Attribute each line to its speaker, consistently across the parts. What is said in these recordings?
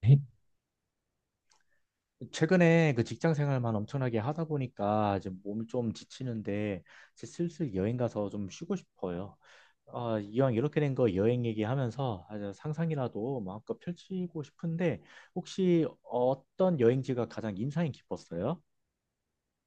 Speaker 1: 네.
Speaker 2: 최근에 그 직장 생활만 엄청나게 하다 보니까 이제 몸이 좀 지치는데 이제 슬슬 여행 가서 좀 쉬고 싶어요. 아, 이왕 이렇게 된 거 여행 얘기하면서 아주 상상이라도 마음껏 펼치고 싶은데 혹시 어떤 여행지가 가장 인상이 깊었어요?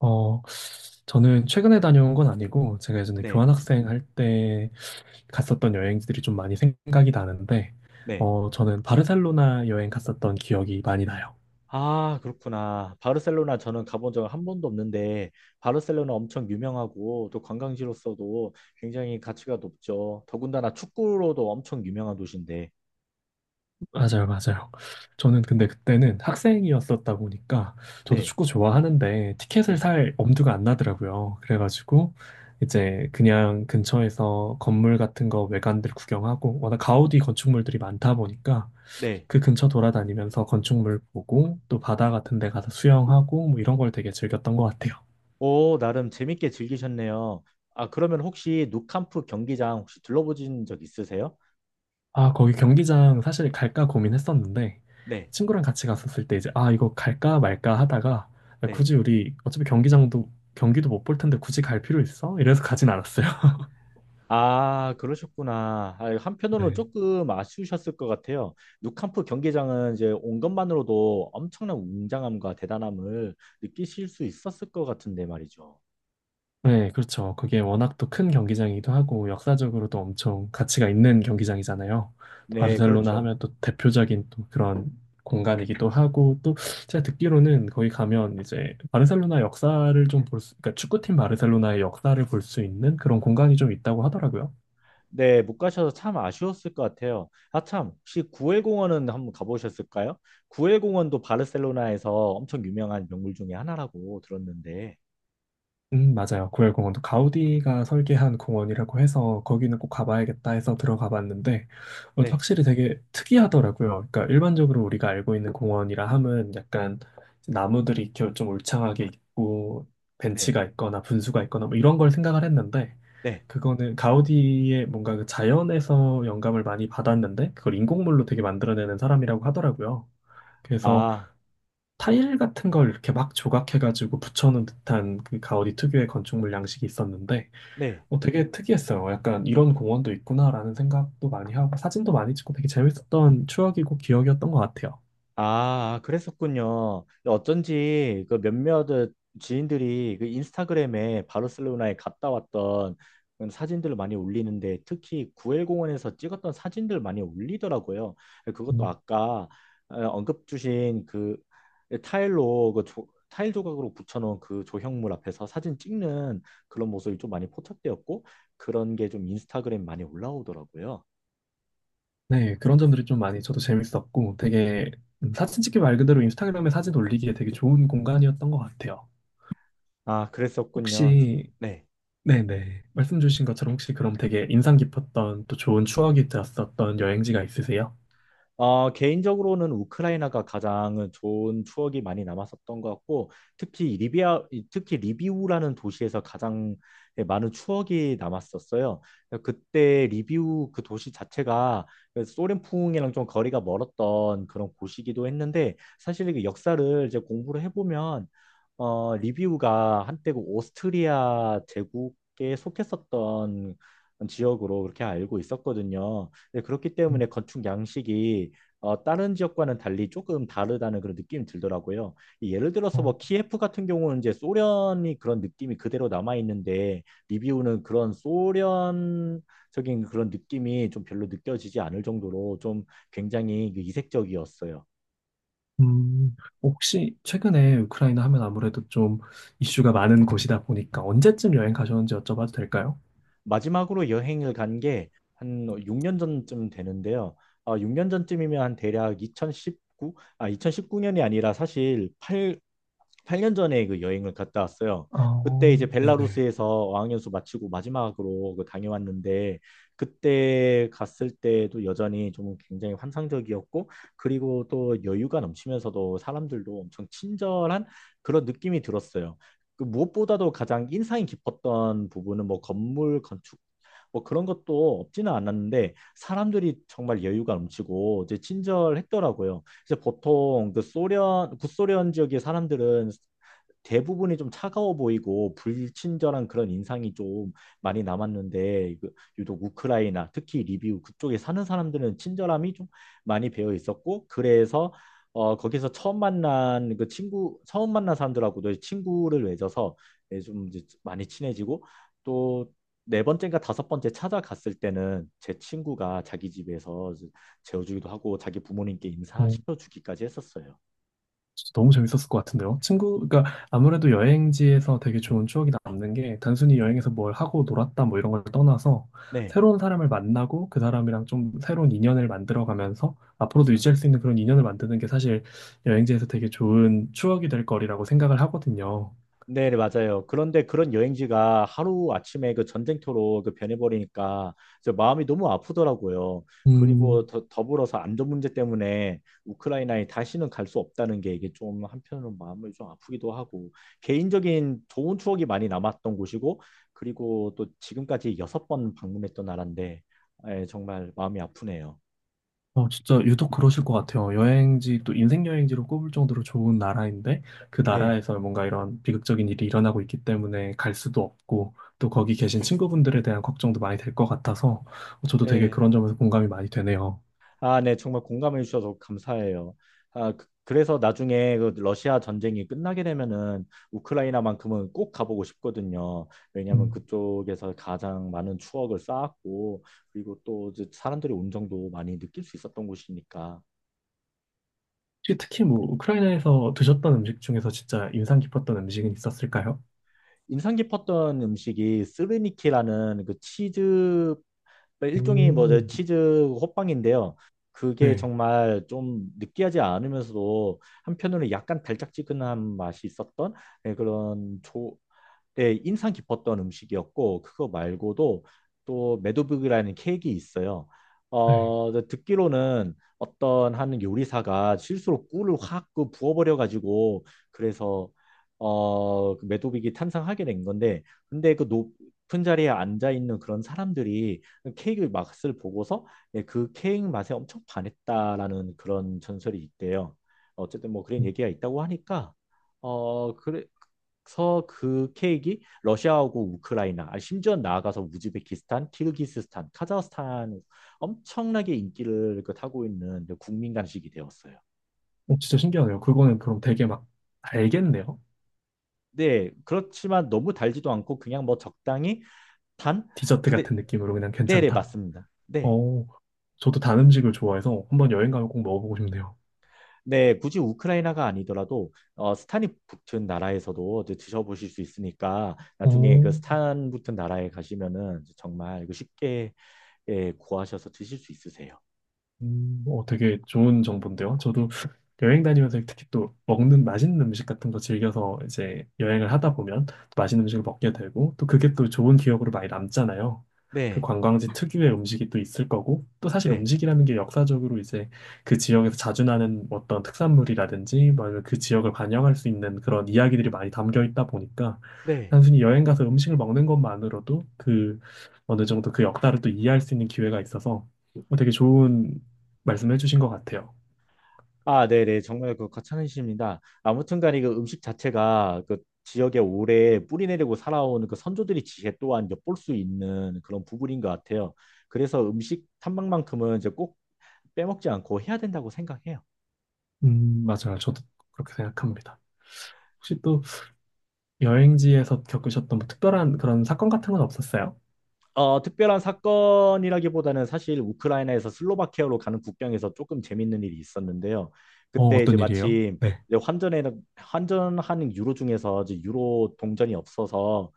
Speaker 1: 어, 저는 최근에 다녀온 건 아니고, 제가 예전에
Speaker 2: 네,
Speaker 1: 교환학생 할 때 갔었던 여행지들이 좀 많이 생각이 나는데,
Speaker 2: 네.
Speaker 1: 저는 바르셀로나 여행 갔었던 기억이 많이 나요.
Speaker 2: 아, 그렇구나. 바르셀로나 저는 가본 적 한 번도 없는데 바르셀로나 엄청 유명하고 또 관광지로서도 굉장히 가치가 높죠. 더군다나 축구로도 엄청 유명한 도시인데.
Speaker 1: 맞아요, 맞아요. 저는 근데 그때는 학생이었었다 보니까, 저도
Speaker 2: 네.
Speaker 1: 축구 좋아하는데, 티켓을
Speaker 2: 네.
Speaker 1: 살 엄두가 안 나더라고요. 그래가지고, 이제 그냥 근처에서 건물 같은 거 외관들 구경하고, 워낙 가우디 건축물들이 많다 보니까,
Speaker 2: 네.
Speaker 1: 그 근처 돌아다니면서 건축물 보고 또 바다 같은 데 가서 수영하고 뭐 이런 걸 되게 즐겼던 것 같아요.
Speaker 2: 오, 나름 재밌게 즐기셨네요. 아, 그러면 혹시 누캄프 경기장 혹시 둘러보신 적 있으세요?
Speaker 1: 아, 거기 경기장 사실 갈까 고민했었는데
Speaker 2: 네.
Speaker 1: 친구랑 같이 갔었을 때 이제 아, 이거 갈까 말까 하다가 야,
Speaker 2: 네.
Speaker 1: 굳이 우리 어차피 경기장도 경기도 못 볼 텐데 굳이 갈 필요 있어? 이래서 가진 않았어요.
Speaker 2: 아, 그러셨구나. 아, 한편으로는
Speaker 1: 네.
Speaker 2: 조금 아쉬우셨을 것 같아요. 누캄프 경기장은 이제 온 것만으로도 엄청난 웅장함과 대단함을 느끼실 수 있었을 것 같은데 말이죠.
Speaker 1: 네, 그렇죠. 그게 워낙 또 큰 경기장이기도 하고 역사적으로도 엄청 가치가 있는 경기장이잖아요. 또
Speaker 2: 네,
Speaker 1: 바르셀로나
Speaker 2: 그렇죠.
Speaker 1: 하면 또 대표적인 또 그런 공간이기도 하고 또 제가 듣기로는 거기 가면 이제 바르셀로나 역사를 좀 볼 수, 그러니까 축구팀 바르셀로나의 역사를 볼 수 있는 그런 공간이 좀 있다고 하더라고요.
Speaker 2: 네, 못 가셔서 참 아쉬웠을 것 같아요. 아, 참, 혹시 구엘 공원은 한번 가보셨을까요? 구엘 공원도 바르셀로나에서 엄청 유명한 명물 중에 하나라고 들었는데.
Speaker 1: 맞아요. 구엘공원도 가우디가 설계한 공원이라고 해서 거기는 꼭 가봐야겠다 해서 들어가 봤는데
Speaker 2: 네,
Speaker 1: 확실히 되게 특이하더라고요. 그러니까 일반적으로 우리가 알고 있는 공원이라 함은 약간 이제 나무들이 이렇게 좀 울창하게 있고
Speaker 2: 네,
Speaker 1: 벤치가 있거나 분수가 있거나 뭐 이런 걸 생각을 했는데
Speaker 2: 네.
Speaker 1: 그거는 가우디의 뭔가 그 자연에서 영감을 많이 받았는데 그걸 인공물로 되게 만들어내는 사람이라고 하더라고요. 그래서
Speaker 2: 아,
Speaker 1: 타일 같은 걸 이렇게 막 조각해가지고 붙여놓은 듯한 그 가우디 특유의 건축물 양식이 있었는데
Speaker 2: 네.
Speaker 1: 되게 특이했어요. 약간 이런 공원도 있구나라는 생각도 많이 하고 사진도 많이 찍고 되게 재밌었던 추억이고 기억이었던 것 같아요.
Speaker 2: 아, 그랬었군요. 어쩐지 그 몇몇 지인들이 그 인스타그램에 바르셀로나에 갔다 왔던 그런 사진들을 많이 올리는데 특히 구엘 공원에서 찍었던 사진들 많이 올리더라고요. 그것도
Speaker 1: 음.
Speaker 2: 아까 언급 주신 그 타일로 타일 조각으로 붙여놓은 그 조형물 앞에서 사진 찍는 그런 모습이 좀 많이 포착되었고 그런 게 좀 인스타그램 많이 올라오더라고요.
Speaker 1: 네, 그런 점들이 좀 많이 저도 재밌었고 되게 사진 찍기 말 그대로 인스타그램에 사진 올리기에 되게 좋은 공간이었던 것 같아요.
Speaker 2: 아, 그랬었군요.
Speaker 1: 혹시
Speaker 2: 네.
Speaker 1: 네네. 말씀 주신 것처럼 혹시 그럼 되게 인상 깊었던 또 좋은 추억이 되었었던 여행지가 있으세요?
Speaker 2: 개인적으로는 우크라이나가 가장 좋은 추억이 많이 남았었던 것 같고, 특히 리비아, 특히 리비우라는 도시에서 가장 많은 추억이 남았었어요. 그때 리비우 그 도시 자체가 소련풍이랑 좀 거리가 멀었던 그런 곳이기도 했는데, 사실 이 역사를 이제 공부를 해보면, 리비우가 한때 그 오스트리아 제국에 속했었던 지역으로 그렇게 알고 있었거든요. 네, 그렇기
Speaker 1: 음.
Speaker 2: 때문에 건축 양식이 다른 지역과는 달리 조금 다르다는 그런 느낌이 들더라고요. 예를 들어서
Speaker 1: 어,
Speaker 2: 뭐 키예프 같은 경우는 이제 소련이 그런 느낌이 그대로 남아 있는데 리비우는 그런 소련적인 그런 느낌이 좀 별로 느껴지지 않을 정도로 좀 굉장히 그 이색적이었어요.
Speaker 1: 음, 혹시 최근에 우크라이나 하면 아무래도 좀 이슈가 많은 곳이다 보니까 언제쯤 여행 가셨는지 여쭤봐도 될까요?
Speaker 2: 마지막으로 여행을 간 게 한 6년 전쯤 되는데요. 6년 전쯤이면 한 대략 2019, 아, 2019년이 아니라 사실 8, 8년 전에 그 여행을 갔다 왔어요.
Speaker 1: 아,
Speaker 2: 그때
Speaker 1: 어,
Speaker 2: 이제
Speaker 1: 네네.
Speaker 2: 벨라루스에서 어학연수 마치고 마지막으로 그 다녀왔는데 그때 갔을 때도 여전히 좀 굉장히 환상적이었고 그리고 또 여유가 넘치면서도 사람들도 엄청 친절한 그런 느낌이 들었어요. 그 무엇보다도 가장 인상이 깊었던 부분은 뭐 건물 건축 뭐 그런 것도 없지는 않았는데 사람들이 정말 여유가 넘치고 이제 친절했더라고요. 이제 보통 그 소련 구소련 지역의 사람들은 대부분이 좀 차가워 보이고 불친절한 그런 인상이 좀 많이 남았는데 그 유독 우크라이나 특히 리비우 그쪽에 사는 사람들은 친절함이 좀 많이 배어 있었고 그래서 거기서 처음 만난 사람들하고도 친구를 맺어서 예, 좀 이제 많이 친해지고 또 네 번째인가 다섯 번째 찾아갔을 때는 제 친구가 자기 집에서 재워주기도 하고 자기 부모님께 인사시켜 주기까지 했었어요.
Speaker 1: 진짜 너무 재밌었을 것 같은데요. 친구, 그러니까 아무래도 여행지에서 되게 좋은 추억이 남는 게 단순히 여행에서 뭘 하고 놀았다 뭐 이런 걸 떠나서
Speaker 2: 네.
Speaker 1: 새로운 사람을 만나고 그 사람이랑 좀 새로운 인연을 만들어가면서 앞으로도 유지할 수 있는 그런 인연을 만드는 게 사실 여행지에서 되게 좋은 추억이 될 거리라고 생각을 하거든요.
Speaker 2: 네, 네, 맞아요. 그런데 그런 여행지가 하루 아침에 그 전쟁터로 그 변해버리니까 저 마음이 너무 아프더라고요. 그리고
Speaker 1: 음.
Speaker 2: 더불어서 안전 문제 때문에 우크라이나에 다시는 갈 수 없다는 게 이게 좀 한편으로 마음을 좀 아프기도 하고 개인적인 좋은 추억이 많이 남았던 곳이고 그리고 또 지금까지 여섯 번 방문했던 나라인데 예, 정말 마음이 아프네요.
Speaker 1: 진짜 유독 그러실 것 같아요. 여행지, 또 인생 여행지로 꼽을 정도로 좋은 나라인데, 그
Speaker 2: 네,
Speaker 1: 나라에서 뭔가 이런 비극적인 일이 일어나고 있기 때문에 갈 수도 없고, 또 거기 계신 친구분들에 대한 걱정도 많이 될 것 같아서, 저도 되게
Speaker 2: 네.
Speaker 1: 그런 점에서 공감이 많이 되네요.
Speaker 2: 아, 네, 정말 공감해 주셔서 감사해요. 아, 그래서 나중에 그 러시아 전쟁이 끝나게 되면은 우크라이나만큼은 꼭 가보고 싶거든요. 왜냐하면
Speaker 1: 음.
Speaker 2: 그쪽에서 가장 많은 추억을 쌓았고, 그리고 또 이제 사람들이 온정도 많이 느낄 수 있었던 곳이니까.
Speaker 1: 혹시 특히 뭐, 우크라이나에서 드셨던 음식 중에서 진짜 인상 깊었던 음식은 있었을까요?
Speaker 2: 인상 깊었던 음식이 스르니키라는 그 치즈 그러니까 일종의
Speaker 1: 오,
Speaker 2: 뭐저 치즈 호빵인데요. 그게
Speaker 1: 네,
Speaker 2: 정말 좀 느끼하지 않으면서도 한편으로는 약간 달짝지근한 맛이 있었던 예, 예, 인상 깊었던 음식이었고 그거 말고도 또 메도빅이라는 케이크가 있어요.
Speaker 1: 네.
Speaker 2: 듣기로는 어떤 한 요리사가 실수로 꿀을 확 그 부어버려 가지고 그래서 그 메도빅이 탄생하게 된 건데 근데 그 높은 자리에 앉아 있는 그런 사람들이 케이크 맛을 보고서 예, 그 케이크 맛에 엄청 반했다라는 그런 전설이 있대요. 어쨌든 뭐 그런 얘기가 있다고 하니까 그래, 서그 케이크 러시아하고 우크라이나, 아, 심지어 나아가서 우즈베키스탄, 키르기스스탄, 카자흐스탄 엄청나게 인기를 그 타고 있는 그 국민 간식이 되었어요.
Speaker 1: 진짜 신기하네요. 그거는 그럼 되게 막 달겠네요.
Speaker 2: 네, 그렇지만 너무 달지도 않고 그냥 뭐 적당히 단?
Speaker 1: 디저트
Speaker 2: 근데
Speaker 1: 같은 느낌으로 그냥
Speaker 2: 네, 네,
Speaker 1: 괜찮다.
Speaker 2: 맞습니다. 네.
Speaker 1: 어, 저도 단 음식을 좋아해서 한번 여행 가면 꼭 먹어보고 싶네요.
Speaker 2: 네, 굳이 우크라이나가 아니더라도 스탄이 붙은 나라에서도 이제 드셔보실 수 있으니까 나중에 그
Speaker 1: 어,
Speaker 2: 스탄 붙은 나라에 가시면은 정말 이거 쉽게 예, 구하셔서 드실 수 있으세요.
Speaker 1: 되게 좋은 정보인데요. 저도 여행 다니면서 특히 또 먹는 맛있는 음식 같은 거 즐겨서 이제 여행을 하다 보면 또 맛있는 음식을 먹게 되고 또 그게 또 좋은 기억으로 많이 남잖아요. 그
Speaker 2: 네,
Speaker 1: 관광지 특유의 음식이 또 있을 거고 또 사실
Speaker 2: 네.
Speaker 1: 음식이라는 게 역사적으로 이제 그 지역에서 자주 나는 어떤 특산물이라든지 뭐 아니면 그 지역을 반영할 수 있는 그런 이야기들이 많이 담겨 있다 보니까
Speaker 2: 네.
Speaker 1: 단순히 여행 가서 음식을 먹는 것만으로도 그 어느 정도 그 역사를 또 이해할 수 있는 기회가 있어서 뭐 되게 좋은 말씀해 주신 것 같아요.
Speaker 2: 아, 네네. 정말 그 과찬이십니다. 아무튼간에 그 음식 자체가 그 지역에 오래 뿌리 내리고 살아온 그 선조들의 지혜 또한 엿볼 수 있는 그런 부분인 것 같아요. 그래서 음식 탐방만큼은 이제 꼭 빼먹지 않고 해야 된다고 생각해요.
Speaker 1: 맞아요. 저도 그렇게 생각합니다. 혹시 또 여행지에서 겪으셨던 뭐 특별한 그런 사건 같은 건 없었어요?
Speaker 2: 특별한 사건이라기보다는 사실 우크라이나에서 슬로바키아로 가는 국경에서 조금 재밌는 일이 있었는데요.
Speaker 1: 어,
Speaker 2: 그때 이제
Speaker 1: 어떤 일이에요?
Speaker 2: 마침
Speaker 1: 네.
Speaker 2: 이제 환전에 환전하는 유로 중에서 이제 유로 동전이 없어서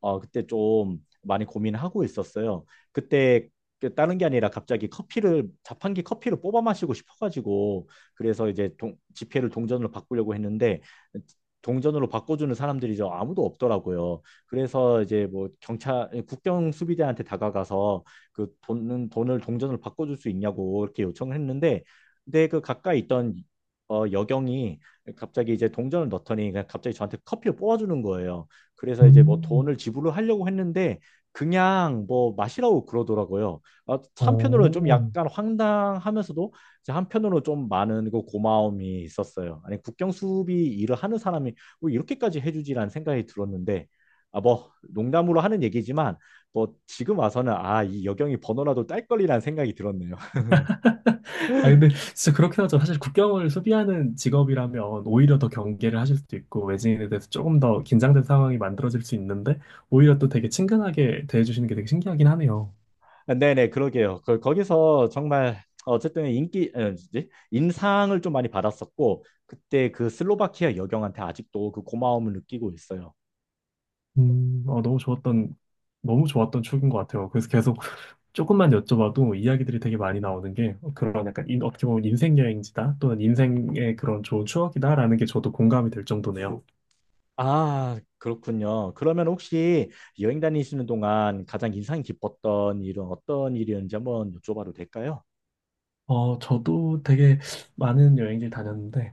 Speaker 2: 그때 좀 많이 고민하고 있었어요. 그때 그 다른 게 아니라 갑자기 커피를 자판기 커피를 뽑아 마시고 싶어가지고 그래서 이제 지폐를 동전으로 바꾸려고 했는데 동전으로 바꿔주는 사람들이 저 아무도 없더라고요. 그래서 이제 뭐 경찰 국경 수비대한테 다가가서 그 돈은 돈을 동전을 바꿔줄 수 있냐고 이렇게 요청을 했는데 근데 그 가까이 있던 여경이 갑자기 이제 동전을 넣더니 그냥 갑자기 저한테 커피를 뽑아주는 거예요. 그래서 이제 뭐
Speaker 1: 음.
Speaker 2: 돈을 지불을 하려고 했는데 그냥 뭐 마시라고 그러더라고요. 아, 한편으로는 좀
Speaker 1: 오.
Speaker 2: 약간 황당하면서도 이제 한편으로 좀 많은 그 고마움이 있었어요. 아니 국경 수비 일을 하는 사람이 뭐 이렇게까지 해주지라는 생각이 들었는데 아, 뭐 농담으로 하는 얘기지만 뭐 지금 와서는 아, 이 여경이 번호라도 딸 걸이라는 생각이 들었네요.
Speaker 1: 아, 근데 진짜 그렇긴 하죠. 사실 국경을 수비하는 직업이라면 오히려 더 경계를 하실 수도 있고, 외지인에 대해서 조금 더 긴장된 상황이 만들어질 수 있는데, 오히려 또 되게 친근하게 대해주시는 게 되게 신기하긴 하네요.
Speaker 2: 네네, 그러게요. 거기서 정말 어쨌든 인기 에, 뭐지? 인상을 좀 많이 받았었고 그때 그 슬로바키아 여경한테 아직도 그 고마움을 느끼고 있어요.
Speaker 1: 너무 좋았던, 너무 좋았던 추억인 것 같아요. 그래서 계속 조금만 여쭤봐도 이야기들이 되게 많이 나오는 게 그런 약간 인, 어떻게 보면 인생 여행지다 또는 인생의 그런 좋은 추억이다라는 게 저도 공감이 될 정도네요.
Speaker 2: 아, 그렇군요. 그러면 혹시 여행 다니시는 동안 가장 인상 깊었던 일은 어떤 일이었는지 한번 여쭤봐도 될까요?
Speaker 1: 저도 되게 많은 여행지를 다녔는데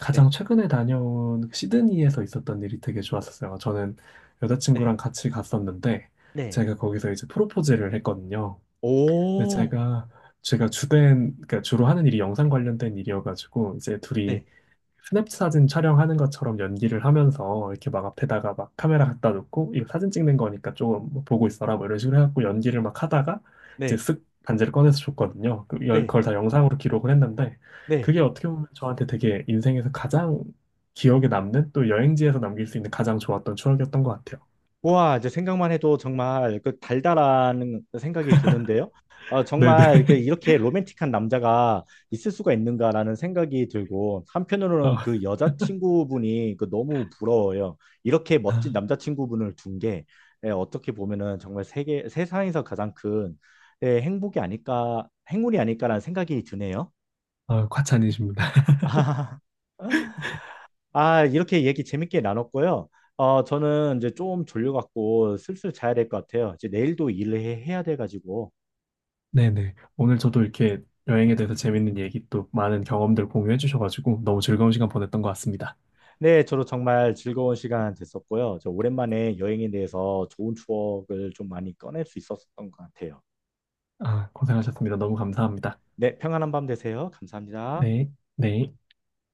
Speaker 1: 가장
Speaker 2: 네,
Speaker 1: 최근에 다녀온 시드니에서 있었던 일이 되게 좋았었어요. 저는 여자친구랑
Speaker 2: 네,
Speaker 1: 같이 갔었는데
Speaker 2: 네.
Speaker 1: 제가 거기서 이제 프로포즈를 했거든요. 근데
Speaker 2: 오,
Speaker 1: 제가 주된 그러니까 주로 하는 일이 영상 관련된 일이어가지고 이제 둘이
Speaker 2: 네,
Speaker 1: 스냅 사진 촬영하는 것처럼 연기를 하면서 이렇게 막 앞에다가 막 카메라 갖다 놓고 이거 사진 찍는 거니까 조금 뭐 보고 있어라 뭐 이런 식으로 해갖고 연기를 막 하다가 이제
Speaker 2: 네,
Speaker 1: 쓱 반지를 꺼내서 줬거든요.
Speaker 2: 네,
Speaker 1: 그걸 다 영상으로 기록을 했는데
Speaker 2: 네.
Speaker 1: 그게 어떻게 보면 저한테 되게 인생에서 가장 기억에 남는 또 여행지에서 남길 수 있는 가장 좋았던 추억이었던 것 같아요.
Speaker 2: 와, 이제 생각만 해도 정말 그 달달한 생각이 드는데요.
Speaker 1: 네네.
Speaker 2: 정말 그 이렇게 로맨틱한 남자가 있을 수가 있는가라는 생각이 들고
Speaker 1: 어,
Speaker 2: 한편으로는 그 여자친구분이 그 너무 부러워요. 이렇게 멋진
Speaker 1: 아,
Speaker 2: 남자친구분을 둔 게 예, 어떻게 보면은 정말 세계 세상에서 가장 큰 예, 행복이 아닐까, 행운이 아닐까라는 생각이 드네요.
Speaker 1: 과찬이십니다.
Speaker 2: 아, 이렇게 얘기 재밌게 나눴고요. 저는 이제 좀 졸려갖고 슬슬 자야 될 것 같아요. 이제 내일도 일을 해야 돼가지고.
Speaker 1: 네네. 오늘 저도 이렇게 여행에 대해서 재밌는 얘기 또 많은 경험들 공유해 주셔가지고 너무 즐거운 시간 보냈던 것 같습니다.
Speaker 2: 네, 저도 정말 즐거운 시간 됐었고요. 저 오랜만에 여행에 대해서 좋은 추억을 좀 많이 꺼낼 수 있었던 것 같아요.
Speaker 1: 아, 고생하셨습니다. 너무 감사합니다.
Speaker 2: 네, 평안한 밤 되세요. 감사합니다.
Speaker 1: 네, 네.